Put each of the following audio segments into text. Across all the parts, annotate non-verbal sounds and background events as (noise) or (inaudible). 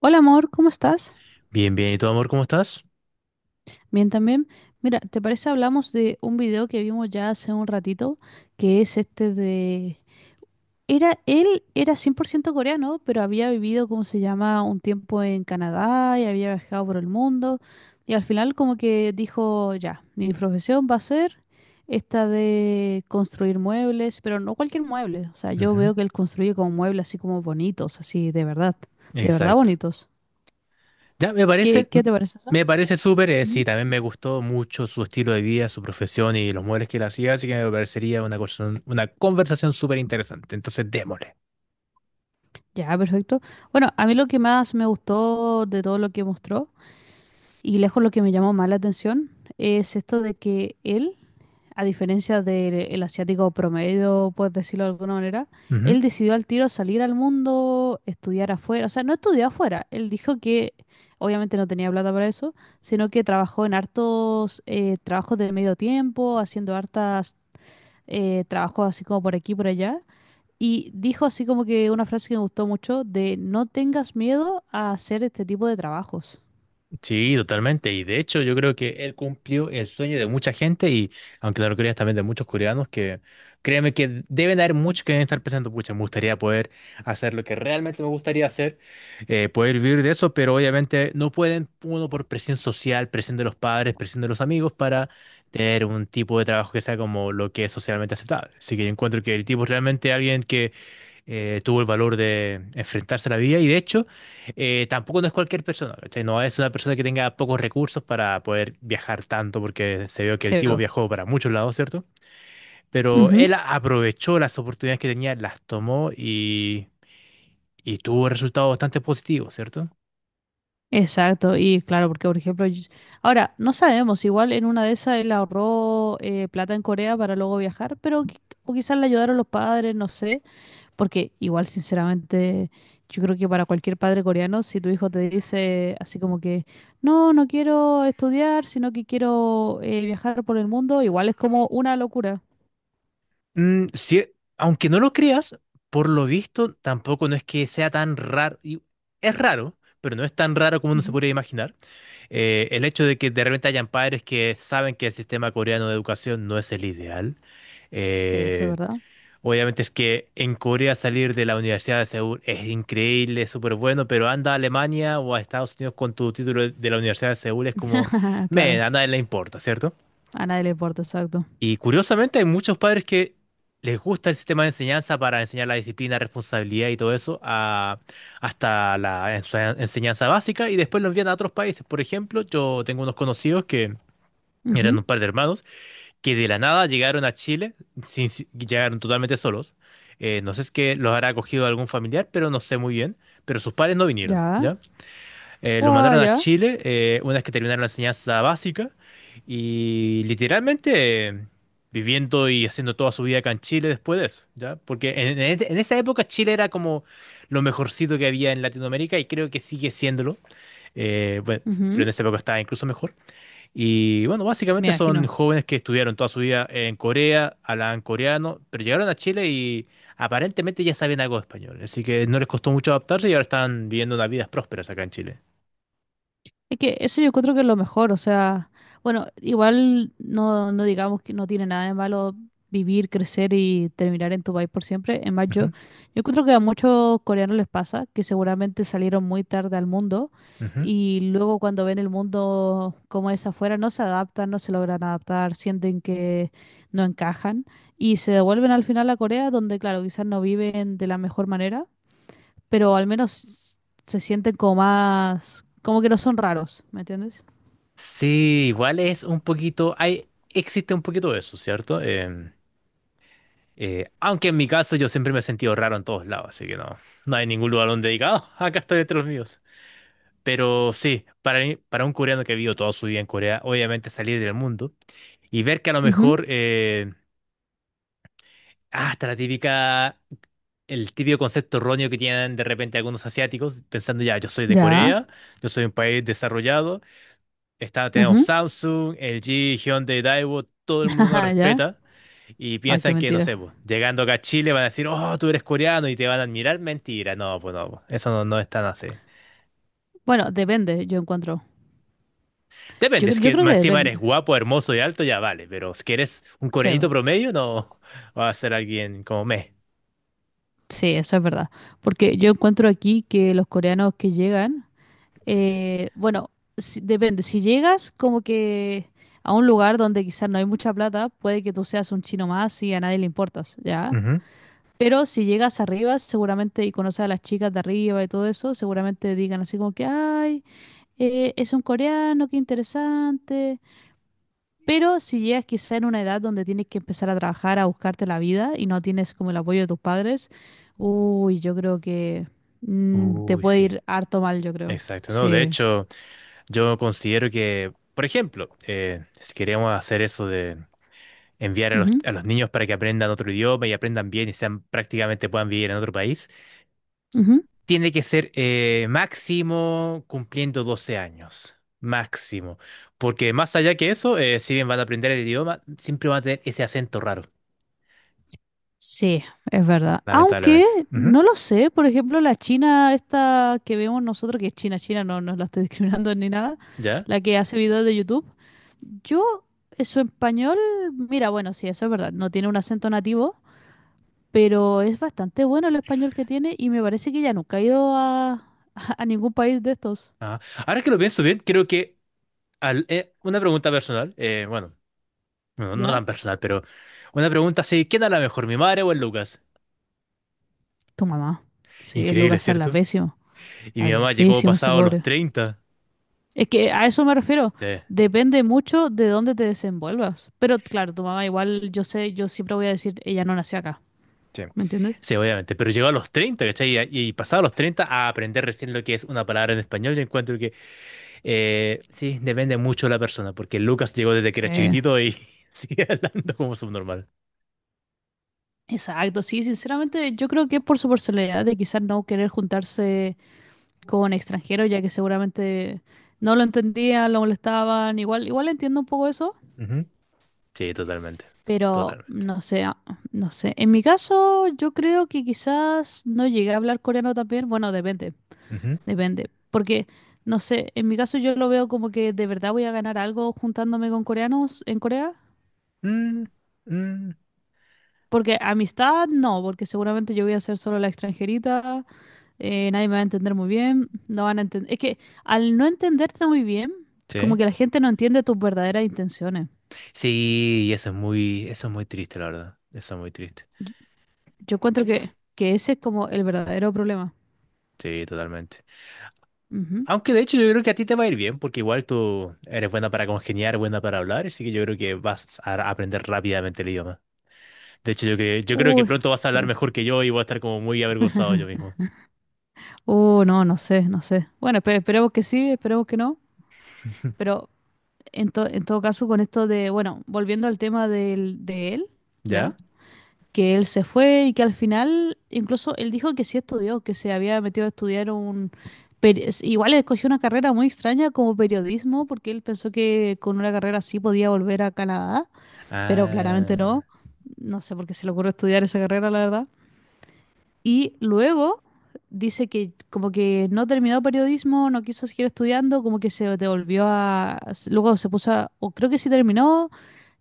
Hola amor, ¿cómo estás? Bien, bien. ¿Y tú, amor, cómo estás? Bien también. Mira, ¿te parece hablamos de un video que vimos ya hace un ratito, que es este de. Él era 100% coreano, pero había vivido, ¿cómo se llama?, un tiempo en Canadá y había viajado por el mundo. Y al final como que dijo, ya, mi profesión va a ser esta de construir muebles, pero no cualquier mueble. O sea, yo Ujú. veo que él construye como muebles así como bonitos, así de verdad Exacto. bonitos. Ya, ¿Qué, qué te parece eso? me parece súper, sí, también me gustó mucho su estilo de vida, su profesión y los muebles que él hacía, así que me parecería una conversación súper interesante. Entonces, démosle. Ya, perfecto. Bueno, a mí lo que más me gustó de todo lo que mostró, y lejos lo que me llamó más la atención, es esto de que él, a diferencia del asiático promedio, por decirlo de alguna manera, él decidió al tiro salir al mundo, estudiar afuera. O sea, no estudió afuera. Él dijo que obviamente no tenía plata para eso, sino que trabajó en hartos trabajos de medio tiempo, haciendo hartas trabajos así como por aquí y por allá. Y dijo así como que una frase que me gustó mucho de no tengas miedo a hacer este tipo de trabajos. Sí, totalmente. Y de hecho, yo creo que él cumplió el sueño de mucha gente y, aunque claro, creas también de muchos coreanos que, créeme que deben haber muchos que deben estar pensando, pucha, me gustaría poder hacer lo que realmente me gustaría hacer, poder vivir de eso, pero obviamente no pueden, uno por presión social, presión de los padres, presión de los amigos, para tener un tipo de trabajo que sea como lo que es socialmente aceptable. Así que yo encuentro que el tipo es realmente alguien tuvo el valor de enfrentarse a la vida y de hecho tampoco no es cualquier persona, ¿cachai? No es una persona que tenga pocos recursos para poder viajar tanto porque se vio que el tipo SEO. viajó para muchos lados, ¿cierto? Pero Ujú. él aprovechó las oportunidades que tenía, las tomó y tuvo resultados bastante positivos, ¿cierto? Exacto, y claro, porque por ejemplo, ahora no sabemos, igual en una de esas él ahorró plata en Corea para luego viajar, pero o quizás le ayudaron los padres, no sé, porque igual sinceramente yo creo que para cualquier padre coreano, si tu hijo te dice así como que, no, no quiero estudiar, sino que quiero viajar por el mundo, igual es como una locura. Sí, aunque no lo creas, por lo visto tampoco no es que sea tan raro. Es raro, pero no es tan raro como uno se podría imaginar. El hecho de que de repente hayan padres que saben que el sistema coreano de educación no es el ideal. Sí, eso es Eh, verdad. Obviamente es que en Corea salir de la Universidad de Seúl es increíble, es súper bueno, pero anda a Alemania o a Estados Unidos con tu título de la Universidad de Seúl es como, (laughs) men, Claro, a nadie le importa, ¿cierto? a nadie le importa, exacto. Y curiosamente hay muchos padres que les gusta el sistema de enseñanza para enseñar la disciplina, responsabilidad y todo eso hasta la enseñanza básica y después lo envían a otros países. Por ejemplo, yo tengo unos conocidos que eran Ujú. un par de hermanos que de la nada llegaron a Chile, llegaron totalmente solos. No sé si es que los habrá acogido algún familiar, pero no sé muy bien. Pero sus padres no vinieron, Ya. Los Guau, mandaron a ya. Chile una vez que terminaron la enseñanza básica y literalmente, viviendo y haciendo toda su vida acá en Chile después de eso, ¿ya? Porque en esa época Chile era como lo mejorcito que había en Latinoamérica y creo que sigue siéndolo, bueno, pero en Ujú. esa época estaba incluso mejor. Y bueno, Me básicamente son imagino. jóvenes que estudiaron toda su vida en Corea, hablaban coreano, pero llegaron a Chile y aparentemente ya saben algo de español, así que no les costó mucho adaptarse y ahora están viviendo unas vidas prósperas acá en Chile. Es que eso yo creo que es lo mejor, o sea, bueno, igual no, no digamos que no tiene nada de malo vivir, crecer y terminar en tu país por siempre. Es más, yo encuentro que a muchos coreanos les pasa que seguramente salieron muy tarde al mundo Ujú. y luego cuando ven el mundo como es afuera no se adaptan, no se logran adaptar, sienten que no encajan y se devuelven al final a Corea donde, claro, quizás no viven de la mejor manera pero al menos se sienten como más, como que no son raros, ¿me entiendes? Sí, igual es un poquito, existe un poquito de eso, ¿cierto? Aunque en mi caso yo siempre me he sentido raro en todos lados, así que no, no hay ningún lugar donde diga, "Ah, (laughs) acá estoy entre los míos." Pero sí, para un coreano que vivió toda su vida en Corea, obviamente salir del mundo y ver que a lo Ujú. mejor, hasta el típico concepto erróneo que tienen de repente algunos asiáticos, pensando ya, yo soy de Ya, Corea, yo soy un país desarrollado. Está, tenemos ujú, Samsung, LG, Hyundai, Daewoo, todo el (laughs) mundo nos ajá, ya. respeta y Ah, qué piensan que, no mentira. sé, pues, llegando acá a Chile van a decir, oh, tú eres coreano y te van a admirar. Mentira, no, pues no, pues, eso no, no es tan así. Bueno, depende, yo encuentro. Yo, Depende, si cre- yo que creo que más encima eres depende, guapo, hermoso y alto, ya vale, pero si que eres un sí, coreanito bo. promedio, no va a ser alguien como me. Sí, eso es verdad. Porque yo encuentro aquí que los coreanos que llegan, bueno, depende. Si llegas como que a un lugar donde quizás no hay mucha plata, puede que tú seas un chino más y a nadie le importas, ¿ya? Ujú. Pero si llegas arriba, seguramente, y conoces a las chicas de arriba y todo eso, seguramente digan así como que, ay, es un coreano, qué interesante. Pero si llegas quizá en una edad donde tienes que empezar a trabajar, a buscarte la vida y no tienes como el apoyo de tus padres, uy, yo creo que mm, te Uy, puede sí, ir harto mal, yo creo. exacto, ¿no? De Sí. hecho, yo considero que, por ejemplo, si queremos hacer eso, enviar a los, Ujú, a los niños para que aprendan otro idioma y aprendan bien y sean prácticamente puedan vivir en otro país, ujú. tiene que ser, máximo cumpliendo 12 años. Máximo. Porque más allá que eso, si bien van a aprender el idioma, siempre van a tener ese acento raro, Sí, es verdad. Aunque lamentablemente. Ujú. no lo sé, por ejemplo, la China esta que vemos nosotros, que es China, China, no, no la estoy (laughs) discriminando ni nada, ¿Ya? la que hace videos de YouTube, yo, su español, mira, bueno, sí, eso es verdad, no tiene un acento nativo, pero es bastante bueno el español que tiene y me parece que ya nunca ha ido a, (laughs) a ningún país de estos, Ajá. Ahora que lo pienso bien, creo que una pregunta personal, bueno, no, no ¿ya? tan personal, pero una pregunta así, ¿quién habla mejor, mi madre o el Lucas? Tu mamá, sí, el Increíble, Lucas ¿cierto? Y mi habla mamá llegó pésimo ese pasado los pobre. 30. Es que a eso me refiero. Sí. Depende mucho de dónde te desenvuelvas. Pero claro, tu mamá igual, yo sé, yo siempre voy a decir, ella no nació acá. Sí, ¿Me entiendes? sí, obviamente, pero llegó a los 30, ¿cachai? Y pasado los 30 a aprender recién lo que es una palabra en español, yo encuentro que, sí, depende mucho de la persona, porque Lucas llegó desde que Sí. era chiquitito y (laughs) sigue hablando como subnormal. Exacto, sí, sinceramente yo creo que es por su personalidad de quizás no querer juntarse con extranjeros, ya que seguramente no lo entendían, lo molestaban, igual, igual entiendo un poco eso, Ujú. Sí, totalmente, pero totalmente. no sé, ah, no sé. En mi caso, yo creo que quizás no llegué a hablar coreano también, bueno, depende. Ujú. Depende. Porque, no sé, en mi caso yo lo veo como que de verdad voy a ganar algo juntándome con coreanos en Corea. Mm, mm, Porque amistad no, porque seguramente yo voy a ser solo la extranjerita, nadie me va a entender muy bien, no van a entender. Es que al no entenderte muy bien, como sí. que la gente no entiende tus verdaderas intenciones. Sí, y eso es muy triste, la verdad. Eso es muy triste. Yo encuentro que ese es como el verdadero problema. Sí, totalmente. Ujú. Aunque de hecho yo creo que a ti te va a ir bien, porque igual tú eres buena para congeniar, buena para hablar, así que yo creo que vas a aprender rápidamente el idioma. De hecho, yo creo que Uy, pronto vas a hablar espero. mejor que yo y voy a estar como muy avergonzado yo (laughs) mismo. No, no sé, no sé. Bueno, esperemos que sí, esperemos que no. (laughs) Pero En todo caso, con esto de, bueno, volviendo al tema del, de él, ¿ya? ¿Ya? Que él se fue y que al final, incluso él dijo que sí estudió, que se había metido a estudiar un. Igual escogió una carrera muy extraña como periodismo, porque él pensó que con una carrera así podía volver a Canadá, pero claramente no. Ah, No sé por qué se le ocurrió estudiar esa carrera, la verdad. Y luego dice que como que no terminó periodismo, no quiso seguir estudiando, como que se devolvió a. Luego se puso a. O creo que sí terminó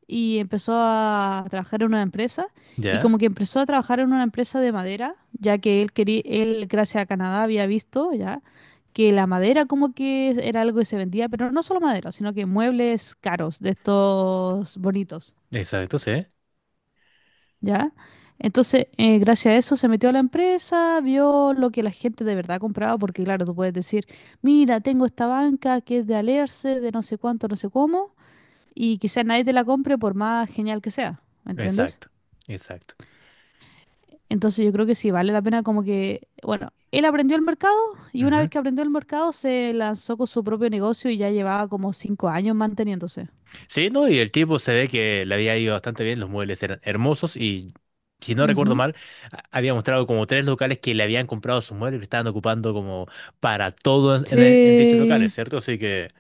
y empezó a trabajar en una empresa. Y ya. como que empezó a trabajar en una empresa de madera, ya que él quería, él gracias a Canadá había visto ya que la madera como que era algo que se vendía, pero no solo madera, sino que muebles caros, de estos bonitos. Exacto, sí. ¿Ya? Entonces, gracias a eso se metió a la empresa, vio lo que la gente de verdad compraba, porque claro, tú puedes decir, mira, tengo esta banca que es de Alerce, de no sé cuánto, no sé cómo, y quizás nadie te la compre por más genial que sea, ¿me entiendes? Exacto, exacto. Entonces yo creo que sí, vale la pena como que, bueno, él aprendió el mercado y una vez que aprendió el mercado se lanzó con su propio negocio y ya llevaba como 5 años manteniéndose. Sí, no, y el tipo se ve que le había ido bastante bien, los muebles eran hermosos y si no recuerdo Ujú. mal, había mostrado como tres locales que le habían comprado sus muebles y estaban ocupando como para todos en, en dichos locales, Sí. ¿cierto? Así que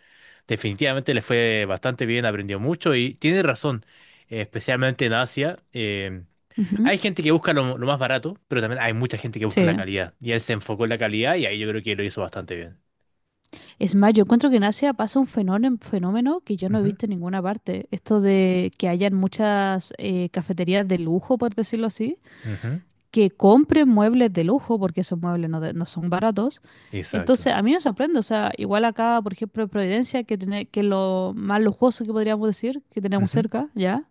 definitivamente le fue bastante bien, aprendió mucho y tiene razón, especialmente en Asia. Ujú. Hay gente que busca lo más barato, pero también hay mucha gente que busca la Sí. calidad y él se enfocó en la calidad y ahí yo creo que lo hizo bastante bien. Es más, yo encuentro que en Asia pasa un fenómeno, fenómeno que yo no he Ujú, visto en ninguna parte. Esto de que hayan muchas cafeterías de lujo, por decirlo así, ujú. que compren muebles de lujo, porque esos muebles no, no son baratos. Exacto. Entonces, a mí me sorprende. O sea, igual acá, por ejemplo, en Providencia, que es lo más lujoso que podríamos decir, que tenemos cerca, ¿ya?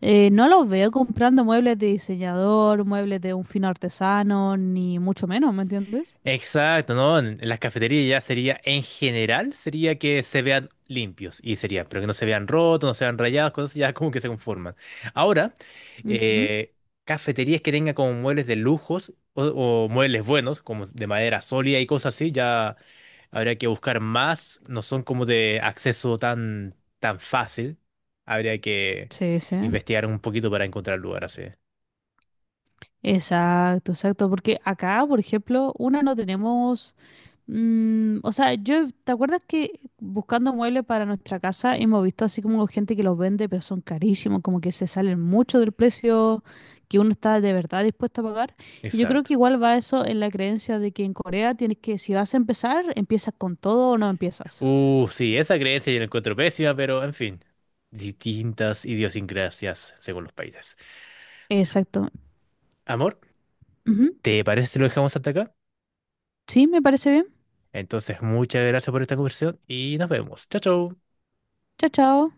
No los veo comprando muebles de diseñador, muebles de un fino artesano, ni mucho menos, ¿me entiendes? Exacto, ¿no? En las cafeterías ya sería, en general, sería que se vean limpios y sería, pero que no se vean rotos, no se vean rayados, cosas ya como que se conforman. Ahora, Ujú. eh, cafeterías que tengan como muebles de lujos o muebles buenos, como de madera sólida y cosas así, ya habría que buscar más, no son como de acceso tan, tan fácil, habría que Sí, sí. investigar un poquito para encontrar lugar así. Exacto, exacto, porque acá, por ejemplo, una no tenemos, mm, o sea, yo, ¿te acuerdas que buscando muebles para nuestra casa hemos visto así como gente que los vende, pero son carísimos, como que se salen mucho del precio que uno está de verdad dispuesto a pagar? Y yo creo Exacto. que igual va eso en la creencia de que en Corea tienes que, si vas a empezar, empiezas con todo o no empiezas. Sí, esa creencia yo la encuentro pésima, pero en fin, distintas idiosincrasias según los países. Exacto. Amor, Ujú. ¿te parece si lo dejamos hasta acá? Sí, me parece bien. Entonces, muchas gracias por esta conversación y nos vemos. Chao, chao. Chao, chao.